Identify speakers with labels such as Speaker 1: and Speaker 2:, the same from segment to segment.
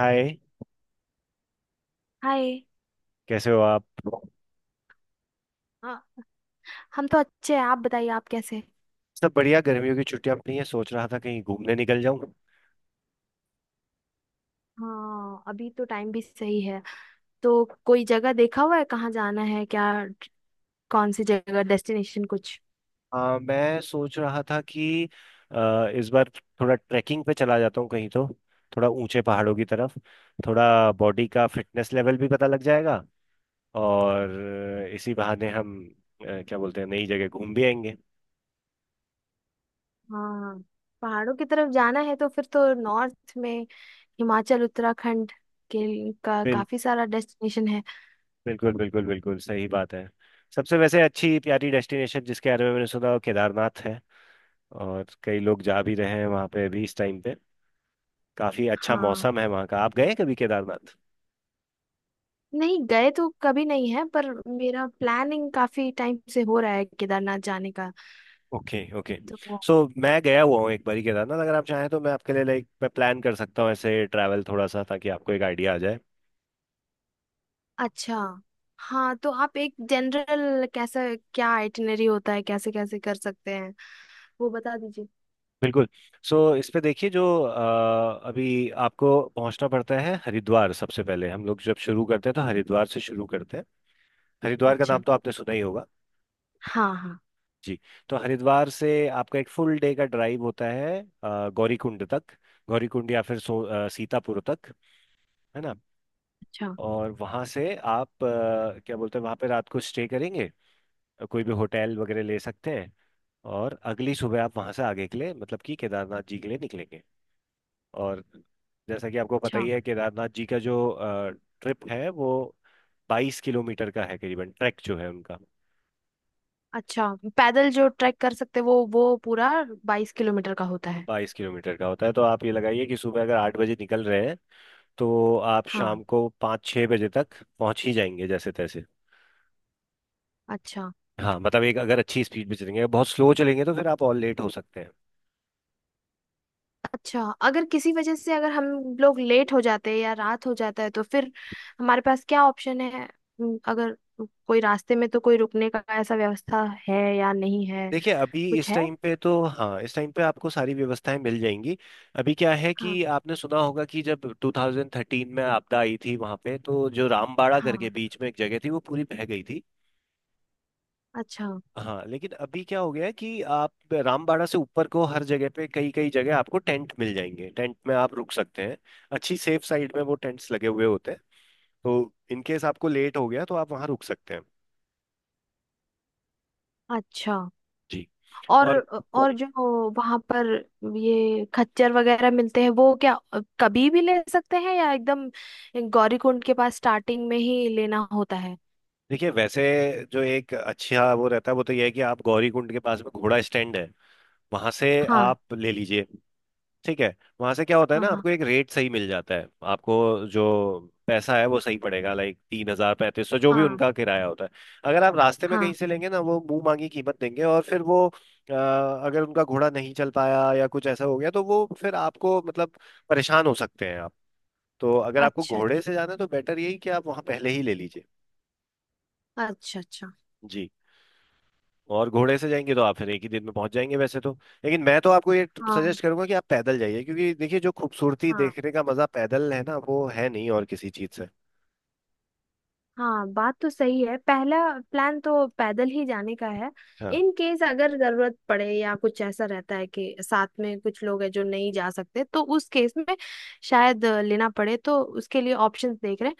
Speaker 1: हाय।
Speaker 2: Hi.
Speaker 1: कैसे हो आप?
Speaker 2: हाँ। हम तो अच्छे हैं, आप बताइए आप कैसे हैं?
Speaker 1: सब बढ़िया, गर्मियों की छुट्टियां अपनी है, सोच रहा था कहीं घूमने निकल जाऊं।
Speaker 2: हाँ, अभी तो टाइम भी सही है। तो कोई जगह देखा हुआ है, कहाँ जाना है क्या? कौन सी जगह, डेस्टिनेशन कुछ?
Speaker 1: मैं सोच रहा था कि इस बार थोड़ा ट्रैकिंग पे चला जाता हूँ कहीं तो, थोड़ा ऊंचे पहाड़ों की तरफ। थोड़ा बॉडी का फिटनेस लेवल भी पता लग जाएगा, और इसी बहाने हम क्या बोलते हैं, नई जगह घूम भी आएंगे।
Speaker 2: हाँ, पहाड़ों की तरफ जाना है तो फिर तो नॉर्थ में हिमाचल उत्तराखंड के का
Speaker 1: बिल,
Speaker 2: काफी सारा डेस्टिनेशन है।
Speaker 1: बिल्कुल बिल्कुल बिल्कुल सही बात है। सबसे वैसे अच्छी प्यारी डेस्टिनेशन जिसके बारे में मैंने सुना वो केदारनाथ है। और कई लोग जा भी रहे हैं वहाँ पे अभी इस टाइम पे, काफी अच्छा
Speaker 2: हाँ,
Speaker 1: मौसम है वहाँ का। आप गए हैं कभी केदारनाथ?
Speaker 2: नहीं गए तो कभी नहीं है, पर मेरा प्लानिंग काफी टाइम से हो रहा है केदारनाथ जाने का।
Speaker 1: Okay, okay.
Speaker 2: तो
Speaker 1: सो मैं गया हुआ हूँ एक बारी केदारनाथ, अगर आप चाहें तो मैं आपके लिए लाइक मैं प्लान कर सकता हूँ ऐसे ट्रैवल थोड़ा सा, ताकि आपको एक आइडिया आ जाए।
Speaker 2: अच्छा। हाँ, तो आप एक जनरल कैसा, क्या आइटिनरी होता है, कैसे कैसे कर सकते हैं वो बता दीजिए।
Speaker 1: बिल्कुल। सो इस पे देखिए, जो अभी आपको पहुंचना पड़ता है हरिद्वार। सबसे पहले हम लोग जब शुरू करते हैं तो हरिद्वार से शुरू करते हैं। हरिद्वार का
Speaker 2: अच्छा।
Speaker 1: नाम तो आपने सुना ही होगा।
Speaker 2: हाँ हाँ।
Speaker 1: जी। तो हरिद्वार से आपका एक फुल डे का ड्राइव होता है गौरीकुंड तक। गौरीकुंड या फिर सो सीतापुर तक, है ना।
Speaker 2: अच्छा।
Speaker 1: और वहाँ से आप, क्या बोलते हैं, वहाँ पे रात को स्टे करेंगे। कोई भी होटल वगैरह ले सकते हैं। और अगली सुबह आप वहाँ से आगे के लिए मतलब कि केदारनाथ जी के लिए निकलेंगे। और जैसा कि आपको पता
Speaker 2: अच्छा।
Speaker 1: ही है केदारनाथ जी का जो ट्रिप है वो 22 किलोमीटर का है करीबन, ट्रैक जो है उनका
Speaker 2: अच्छा, पैदल जो ट्रैक कर सकते हैं वो पूरा 22 किलोमीटर का होता है?
Speaker 1: 22 किलोमीटर का होता है। तो आप ये लगाइए कि सुबह अगर 8 बजे निकल रहे हैं, तो आप
Speaker 2: हाँ,
Speaker 1: शाम को 5-6 बजे तक पहुँच ही जाएंगे जैसे तैसे।
Speaker 2: अच्छा।
Speaker 1: हाँ मतलब एक अगर अच्छी स्पीड में चलेंगे, बहुत स्लो चलेंगे तो फिर आप और लेट हो सकते हैं।
Speaker 2: अच्छा, अगर किसी वजह से अगर हम लोग लेट हो जाते हैं या रात हो जाता है तो फिर हमारे पास क्या ऑप्शन है? अगर कोई रास्ते में तो कोई रुकने का ऐसा व्यवस्था है या नहीं है
Speaker 1: देखिए अभी
Speaker 2: कुछ
Speaker 1: इस
Speaker 2: है?
Speaker 1: टाइम पे तो हाँ, इस टाइम पे आपको सारी व्यवस्थाएं मिल जाएंगी। अभी क्या है कि
Speaker 2: हाँ
Speaker 1: आपने सुना होगा कि जब 2013 में आपदा आई थी वहां पे, तो जो रामबाड़ा करके
Speaker 2: हाँ।
Speaker 1: बीच में एक जगह थी वो पूरी बह गई थी।
Speaker 2: अच्छा
Speaker 1: हाँ लेकिन अभी क्या हो गया है कि आप रामबाड़ा से ऊपर को हर जगह पे, कई कई जगह आपको टेंट मिल जाएंगे। टेंट में आप रुक सकते हैं। अच्छी सेफ साइड में वो टेंट्स लगे हुए होते हैं। तो इनकेस आपको लेट हो गया तो आप वहां रुक सकते हैं।
Speaker 2: अच्छा।
Speaker 1: जी।
Speaker 2: और
Speaker 1: और
Speaker 2: और जो वहां पर ये खच्चर वगैरह मिलते हैं वो क्या कभी भी ले सकते हैं, या एकदम गौरीकुंड के पास स्टार्टिंग में ही लेना होता है?
Speaker 1: देखिए वैसे जो एक अच्छा वो रहता है, वो तो ये है कि आप गौरी कुंड के पास में घोड़ा स्टैंड है, वहां से
Speaker 2: हाँ
Speaker 1: आप ले लीजिए। ठीक है। वहां से क्या होता है
Speaker 2: हाँ।
Speaker 1: ना,
Speaker 2: हाँ
Speaker 1: आपको एक रेट सही मिल जाता है। आपको जो पैसा है वो सही पड़ेगा, लाइक 3,000-3,500 जो भी
Speaker 2: हाँ
Speaker 1: उनका किराया होता है। अगर आप रास्ते में कहीं
Speaker 2: हाँ।
Speaker 1: से लेंगे ना, वो मुंह मांगी कीमत देंगे, और फिर वो अगर उनका घोड़ा नहीं चल पाया या कुछ ऐसा हो गया तो वो फिर आपको मतलब परेशान हो सकते हैं आप। तो अगर आपको
Speaker 2: अच्छा
Speaker 1: घोड़े
Speaker 2: अच्छा।
Speaker 1: से जाना है तो बेटर यही कि आप वहां पहले ही ले लीजिए।
Speaker 2: अच्छा अच्छा।
Speaker 1: जी। और घोड़े से जाएंगे तो आप फिर एक ही दिन में पहुंच जाएंगे वैसे तो, लेकिन मैं तो आपको ये
Speaker 2: हाँ
Speaker 1: सजेस्ट करूंगा कि आप पैदल जाइए, क्योंकि देखिए जो खूबसूरती
Speaker 2: हाँ
Speaker 1: देखने का मजा पैदल है ना वो है नहीं और किसी चीज से।
Speaker 2: हाँ, बात तो सही है, पहला प्लान तो पैदल ही जाने का है।
Speaker 1: हाँ
Speaker 2: इन केस अगर जरूरत पड़े या कुछ ऐसा रहता है कि साथ में कुछ लोग हैं जो नहीं जा सकते, तो उस केस में शायद लेना पड़े, तो उसके लिए ऑप्शंस देख रहे हैं।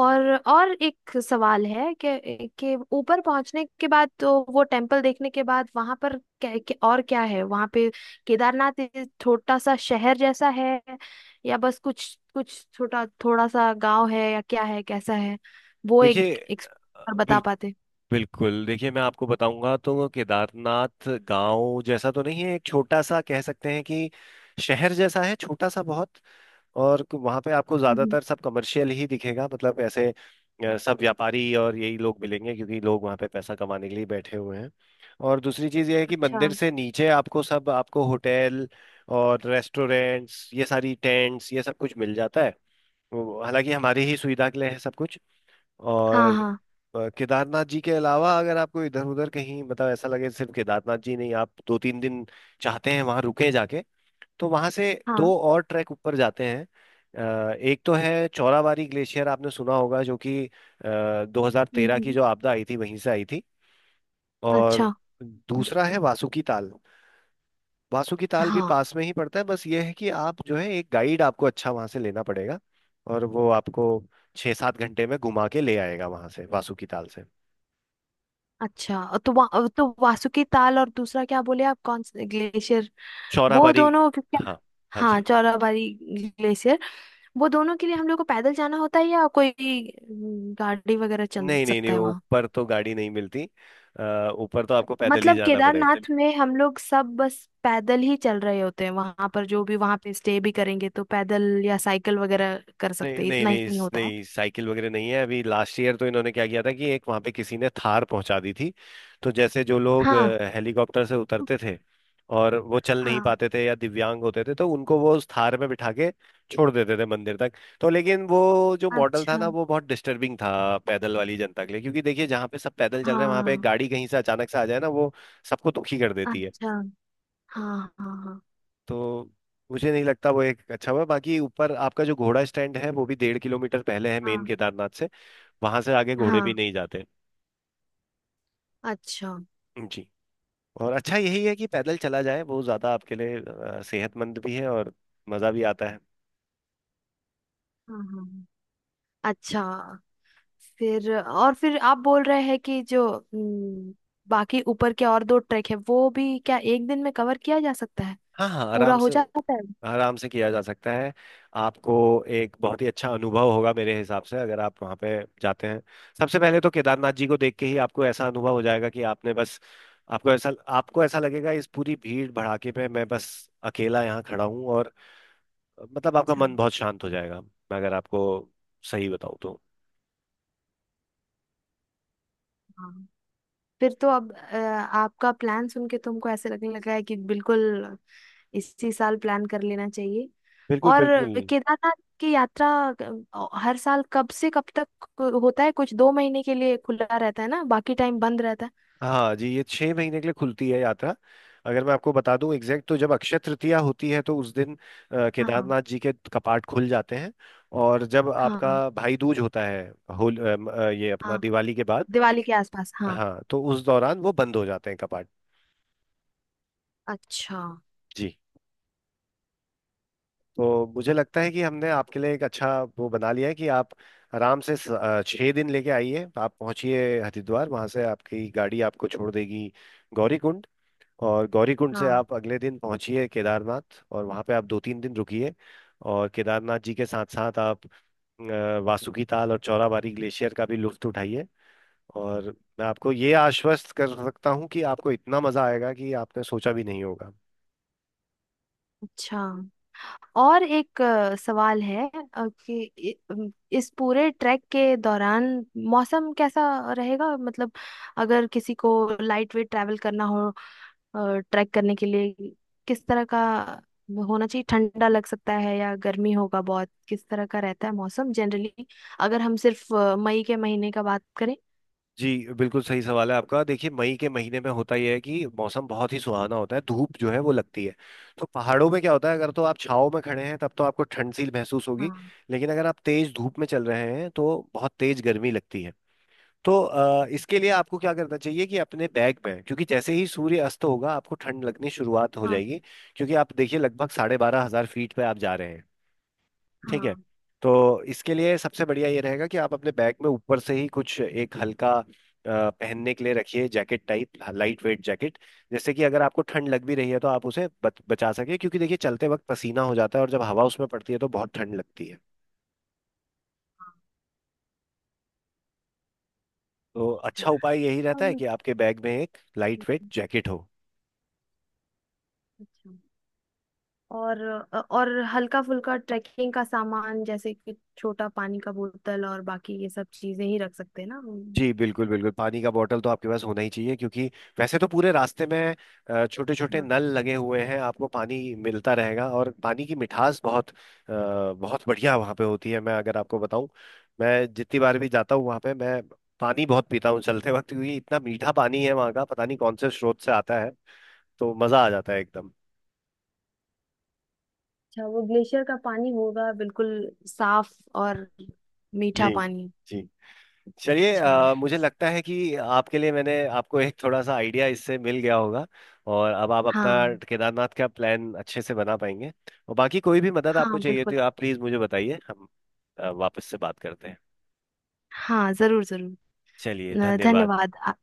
Speaker 2: और एक सवाल है कि ऊपर पहुंचने के बाद तो वो टेम्पल देखने के बाद वहां पर क्या और क्या है वहां पे? केदारनाथ एक छोटा सा शहर जैसा है, या बस कुछ कुछ छोटा थोड़ा सा गांव है, या क्या है कैसा है वो? एक,
Speaker 1: देखिए,
Speaker 2: एक और
Speaker 1: अ,
Speaker 2: बता
Speaker 1: बिल,
Speaker 2: पाते।
Speaker 1: बिल्कुल देखिए, मैं आपको बताऊंगा तो वो केदारनाथ गांव जैसा तो नहीं है, एक छोटा सा कह सकते हैं कि शहर जैसा है छोटा सा बहुत। और वहां पे आपको
Speaker 2: हम्म।
Speaker 1: ज्यादातर सब कमर्शियल ही दिखेगा, मतलब ऐसे सब व्यापारी और यही लोग मिलेंगे, क्योंकि लोग वहां पे पैसा कमाने के लिए बैठे हुए हैं। और दूसरी चीज ये है कि
Speaker 2: अच्छा।
Speaker 1: मंदिर से नीचे आपको सब, आपको होटल और रेस्टोरेंट्स ये सारी टेंट्स ये सब कुछ मिल जाता है। हालांकि हमारी ही सुविधा के लिए है सब कुछ।
Speaker 2: हाँ
Speaker 1: और
Speaker 2: हाँ
Speaker 1: केदारनाथ जी के अलावा अगर आपको इधर उधर कहीं मतलब ऐसा लगे सिर्फ केदारनाथ जी नहीं, आप 2-3 दिन चाहते हैं वहां रुके जाके, तो वहां से
Speaker 2: हाँ।
Speaker 1: दो और ट्रैक ऊपर जाते हैं। एक तो है चौराबाड़ी ग्लेशियर, आपने सुना होगा, जो कि 2013 की
Speaker 2: हम्म।
Speaker 1: जो आपदा आई थी वहीं से आई थी। और
Speaker 2: अच्छा।
Speaker 1: दूसरा है वासुकी ताल। वासुकी ताल भी
Speaker 2: हाँ।
Speaker 1: पास में ही पड़ता है, बस ये है कि आप जो है एक गाइड आपको अच्छा वहां से लेना पड़ेगा, और वो आपको 6-7 घंटे में घुमा के ले आएगा वहां से, वासुकी ताल से
Speaker 2: अच्छा, तो वासुकी ताल और दूसरा क्या बोले आप, कौन से ग्लेशियर? वो
Speaker 1: चौराबाड़ी।
Speaker 2: दोनों क्या?
Speaker 1: हाँ, हाँ
Speaker 2: हाँ,
Speaker 1: जी।
Speaker 2: चौराबाड़ी ग्लेशियर। वो दोनों के लिए हम लोग को पैदल जाना होता है या कोई गाड़ी वगैरह चल
Speaker 1: नहीं नहीं नहीं,
Speaker 2: सकता है
Speaker 1: वो
Speaker 2: वहाँ?
Speaker 1: ऊपर तो गाड़ी नहीं मिलती, ऊपर तो आपको पैदल ही
Speaker 2: मतलब
Speaker 1: जाना पड़ेगा।
Speaker 2: केदारनाथ में हम लोग सब बस पैदल ही चल रहे होते हैं वहां पर, जो भी वहां पे स्टे भी करेंगे तो पैदल या साइकिल वगैरह कर सकते
Speaker 1: नहीं
Speaker 2: हैं,
Speaker 1: नहीं
Speaker 2: इतना
Speaker 1: नहीं,
Speaker 2: ही होता है?
Speaker 1: नहीं, साइकिल वगैरह नहीं है। अभी लास्ट ईयर तो इन्होंने क्या किया था कि एक वहां पे किसी ने थार पहुंचा दी थी, तो जैसे जो लोग
Speaker 2: हाँ
Speaker 1: हेलीकॉप्टर से उतरते थे और वो चल नहीं
Speaker 2: हाँ।
Speaker 1: पाते थे या दिव्यांग होते थे, तो उनको वो उस थार में बिठा के छोड़ देते थे मंदिर तक। तो लेकिन वो जो मॉडल था ना
Speaker 2: अच्छा।
Speaker 1: वो बहुत डिस्टर्बिंग था पैदल वाली जनता के लिए, क्योंकि देखिए जहाँ पे सब पैदल चल रहे हैं वहां पे एक
Speaker 2: हाँ।
Speaker 1: गाड़ी कहीं से अचानक से आ जाए ना वो सबको दुखी कर देती है।
Speaker 2: अच्छा। हाँ हाँ हाँ
Speaker 1: तो मुझे नहीं लगता वो एक अच्छा हुआ। बाकी ऊपर आपका जो घोड़ा स्टैंड है वो भी 1.5 किलोमीटर पहले है मेन
Speaker 2: हाँ
Speaker 1: केदारनाथ से, वहां से आगे घोड़े भी
Speaker 2: हाँ।
Speaker 1: नहीं जाते।
Speaker 2: अच्छा।
Speaker 1: जी। और अच्छा यही है कि पैदल चला जाए, वो ज्यादा आपके लिए सेहतमंद भी है और मजा भी आता है।
Speaker 2: हाँ हाँ। अच्छा, फिर और फिर आप बोल रहे हैं कि जो बाकी ऊपर के और दो ट्रैक है वो भी क्या एक दिन में कवर किया जा सकता है,
Speaker 1: हाँ हाँ,
Speaker 2: पूरा
Speaker 1: आराम
Speaker 2: हो
Speaker 1: से।
Speaker 2: जाता है?
Speaker 1: आराम से किया जा सकता है। आपको एक बहुत ही अच्छा अनुभव होगा मेरे हिसाब से, अगर आप वहाँ पे जाते हैं। सबसे पहले तो केदारनाथ जी को देख के ही आपको ऐसा अनुभव हो जाएगा कि आपने बस, आपको ऐसा, आपको ऐसा लगेगा इस पूरी भीड़ भड़ाके पे मैं बस अकेला यहाँ खड़ा हूँ, और मतलब आपका
Speaker 2: अच्छा।
Speaker 1: मन बहुत शांत हो जाएगा, मैं अगर आपको सही बताऊँ तो।
Speaker 2: हाँ, फिर तो अब आपका प्लान सुन के तुमको ऐसे लगने लगा है कि बिल्कुल इसी साल प्लान कर लेना चाहिए।
Speaker 1: बिल्कुल
Speaker 2: और
Speaker 1: बिल्कुल।
Speaker 2: केदारनाथ की यात्रा हर साल कब से कब तक होता है कुछ? 2 महीने के लिए खुला रहता है ना, बाकी टाइम बंद रहता है?
Speaker 1: हाँ जी, ये 6 महीने के लिए खुलती है यात्रा। अगर मैं आपको बता दूं एग्जैक्ट, तो जब अक्षय तृतीया होती है तो उस दिन
Speaker 2: हाँ।
Speaker 1: केदारनाथ जी के कपाट खुल जाते हैं, और जब आपका
Speaker 2: हाँ
Speaker 1: भाई दूज होता है, होल ये अपना
Speaker 2: हाँ,
Speaker 1: दिवाली के बाद।
Speaker 2: दिवाली के आसपास, हाँ।
Speaker 1: हाँ, तो उस दौरान वो बंद हो जाते हैं कपाट।
Speaker 2: अच्छा।
Speaker 1: जी। तो मुझे लगता है कि हमने आपके लिए एक अच्छा वो बना लिया है कि आप आराम से 6 दिन लेके आइए। आप पहुंचिए हरिद्वार, वहां से आपकी गाड़ी आपको छोड़ देगी गौरीकुंड। और गौरीकुंड से
Speaker 2: हाँ।
Speaker 1: आप अगले दिन पहुंचिए केदारनाथ, और वहां पे आप 2-3 दिन रुकिए। और केदारनाथ जी के साथ साथ आप वासुकी ताल और चौराबाड़ी ग्लेशियर का भी लुत्फ उठाइए। और मैं आपको ये आश्वस्त कर सकता हूँ कि आपको इतना मजा आएगा कि आपने सोचा भी नहीं होगा।
Speaker 2: अच्छा, और एक सवाल है कि इस पूरे ट्रैक के दौरान मौसम कैसा रहेगा, मतलब अगर किसी को लाइट वेट ट्रैवल करना हो, ट्रैक करने के लिए किस तरह का होना चाहिए? ठंडा लग सकता है या गर्मी होगा बहुत, किस तरह का रहता है मौसम जनरली, अगर हम सिर्फ मई के महीने का बात करें?
Speaker 1: जी, बिल्कुल सही सवाल है आपका। देखिए मई के महीने में होता यह है कि मौसम बहुत ही सुहाना होता है, धूप जो है वो लगती है। तो पहाड़ों में क्या होता है, अगर तो आप छाव में खड़े हैं तब तो आपको ठंड सी महसूस होगी,
Speaker 2: हाँ
Speaker 1: लेकिन अगर आप तेज धूप में चल रहे हैं तो बहुत तेज गर्मी लगती है। तो इसके लिए आपको क्या करना चाहिए, कि अपने बैग में, क्योंकि जैसे ही सूर्य अस्त होगा आपको ठंड लगनी शुरुआत हो
Speaker 2: हाँ
Speaker 1: जाएगी, क्योंकि आप देखिए लगभग 12,500 फीट पे आप जा रहे हैं, ठीक है।
Speaker 2: हाँ।
Speaker 1: तो इसके लिए सबसे बढ़िया ये रहेगा कि आप अपने बैग में ऊपर से ही कुछ एक हल्का पहनने के लिए रखिए, jacket type, lightweight jacket. जैसे कि अगर आपको ठंड लग भी रही है तो आप उसे बचा सके, क्योंकि देखिए चलते वक्त पसीना हो जाता है और जब हवा उसमें पड़ती है तो बहुत ठंड लगती है।
Speaker 2: हाँ,
Speaker 1: तो
Speaker 2: अच्छा।
Speaker 1: अच्छा उपाय यही रहता है
Speaker 2: और-
Speaker 1: कि आपके बैग में एक लाइट वेट
Speaker 2: हम्म,
Speaker 1: जैकेट हो।
Speaker 2: अच्छा। और और हल्का फुल्का ट्रैकिंग का सामान जैसे कि छोटा पानी का बोतल और बाकी ये सब चीजें ही रख सकते हैं ना हम।
Speaker 1: जी बिल्कुल बिल्कुल, पानी का बॉटल तो आपके पास होना ही चाहिए, क्योंकि वैसे तो पूरे रास्ते में छोटे छोटे
Speaker 2: हाँ।
Speaker 1: नल लगे हुए हैं आपको पानी मिलता रहेगा, और पानी की मिठास बहुत बहुत बढ़िया वहाँ पे होती है। मैं अगर आपको बताऊं, मैं जितनी बार भी जाता हूँ वहाँ पे मैं पानी बहुत पीता हूँ चलते वक्त, क्योंकि इतना मीठा पानी है वहाँ का, पता नहीं कौन से स्रोत से आता है, तो मज़ा आ जाता है एकदम।
Speaker 2: अच्छा, वो ग्लेशियर का पानी होगा बिल्कुल साफ और मीठा
Speaker 1: जी।
Speaker 2: पानी।
Speaker 1: जी। चलिए,
Speaker 2: अच्छा।
Speaker 1: मुझे लगता है कि आपके लिए मैंने आपको एक थोड़ा सा आइडिया इससे मिल गया होगा, और अब आप अपना
Speaker 2: हाँ
Speaker 1: केदारनाथ का प्लान अच्छे से बना पाएंगे। और बाकी कोई भी मदद आपको
Speaker 2: हाँ,
Speaker 1: चाहिए
Speaker 2: बिल्कुल।
Speaker 1: तो आप प्लीज़ मुझे बताइए, हम वापस से बात करते हैं।
Speaker 2: हाँ, जरूर जरूर।
Speaker 1: चलिए, धन्यवाद।
Speaker 2: धन्यवाद।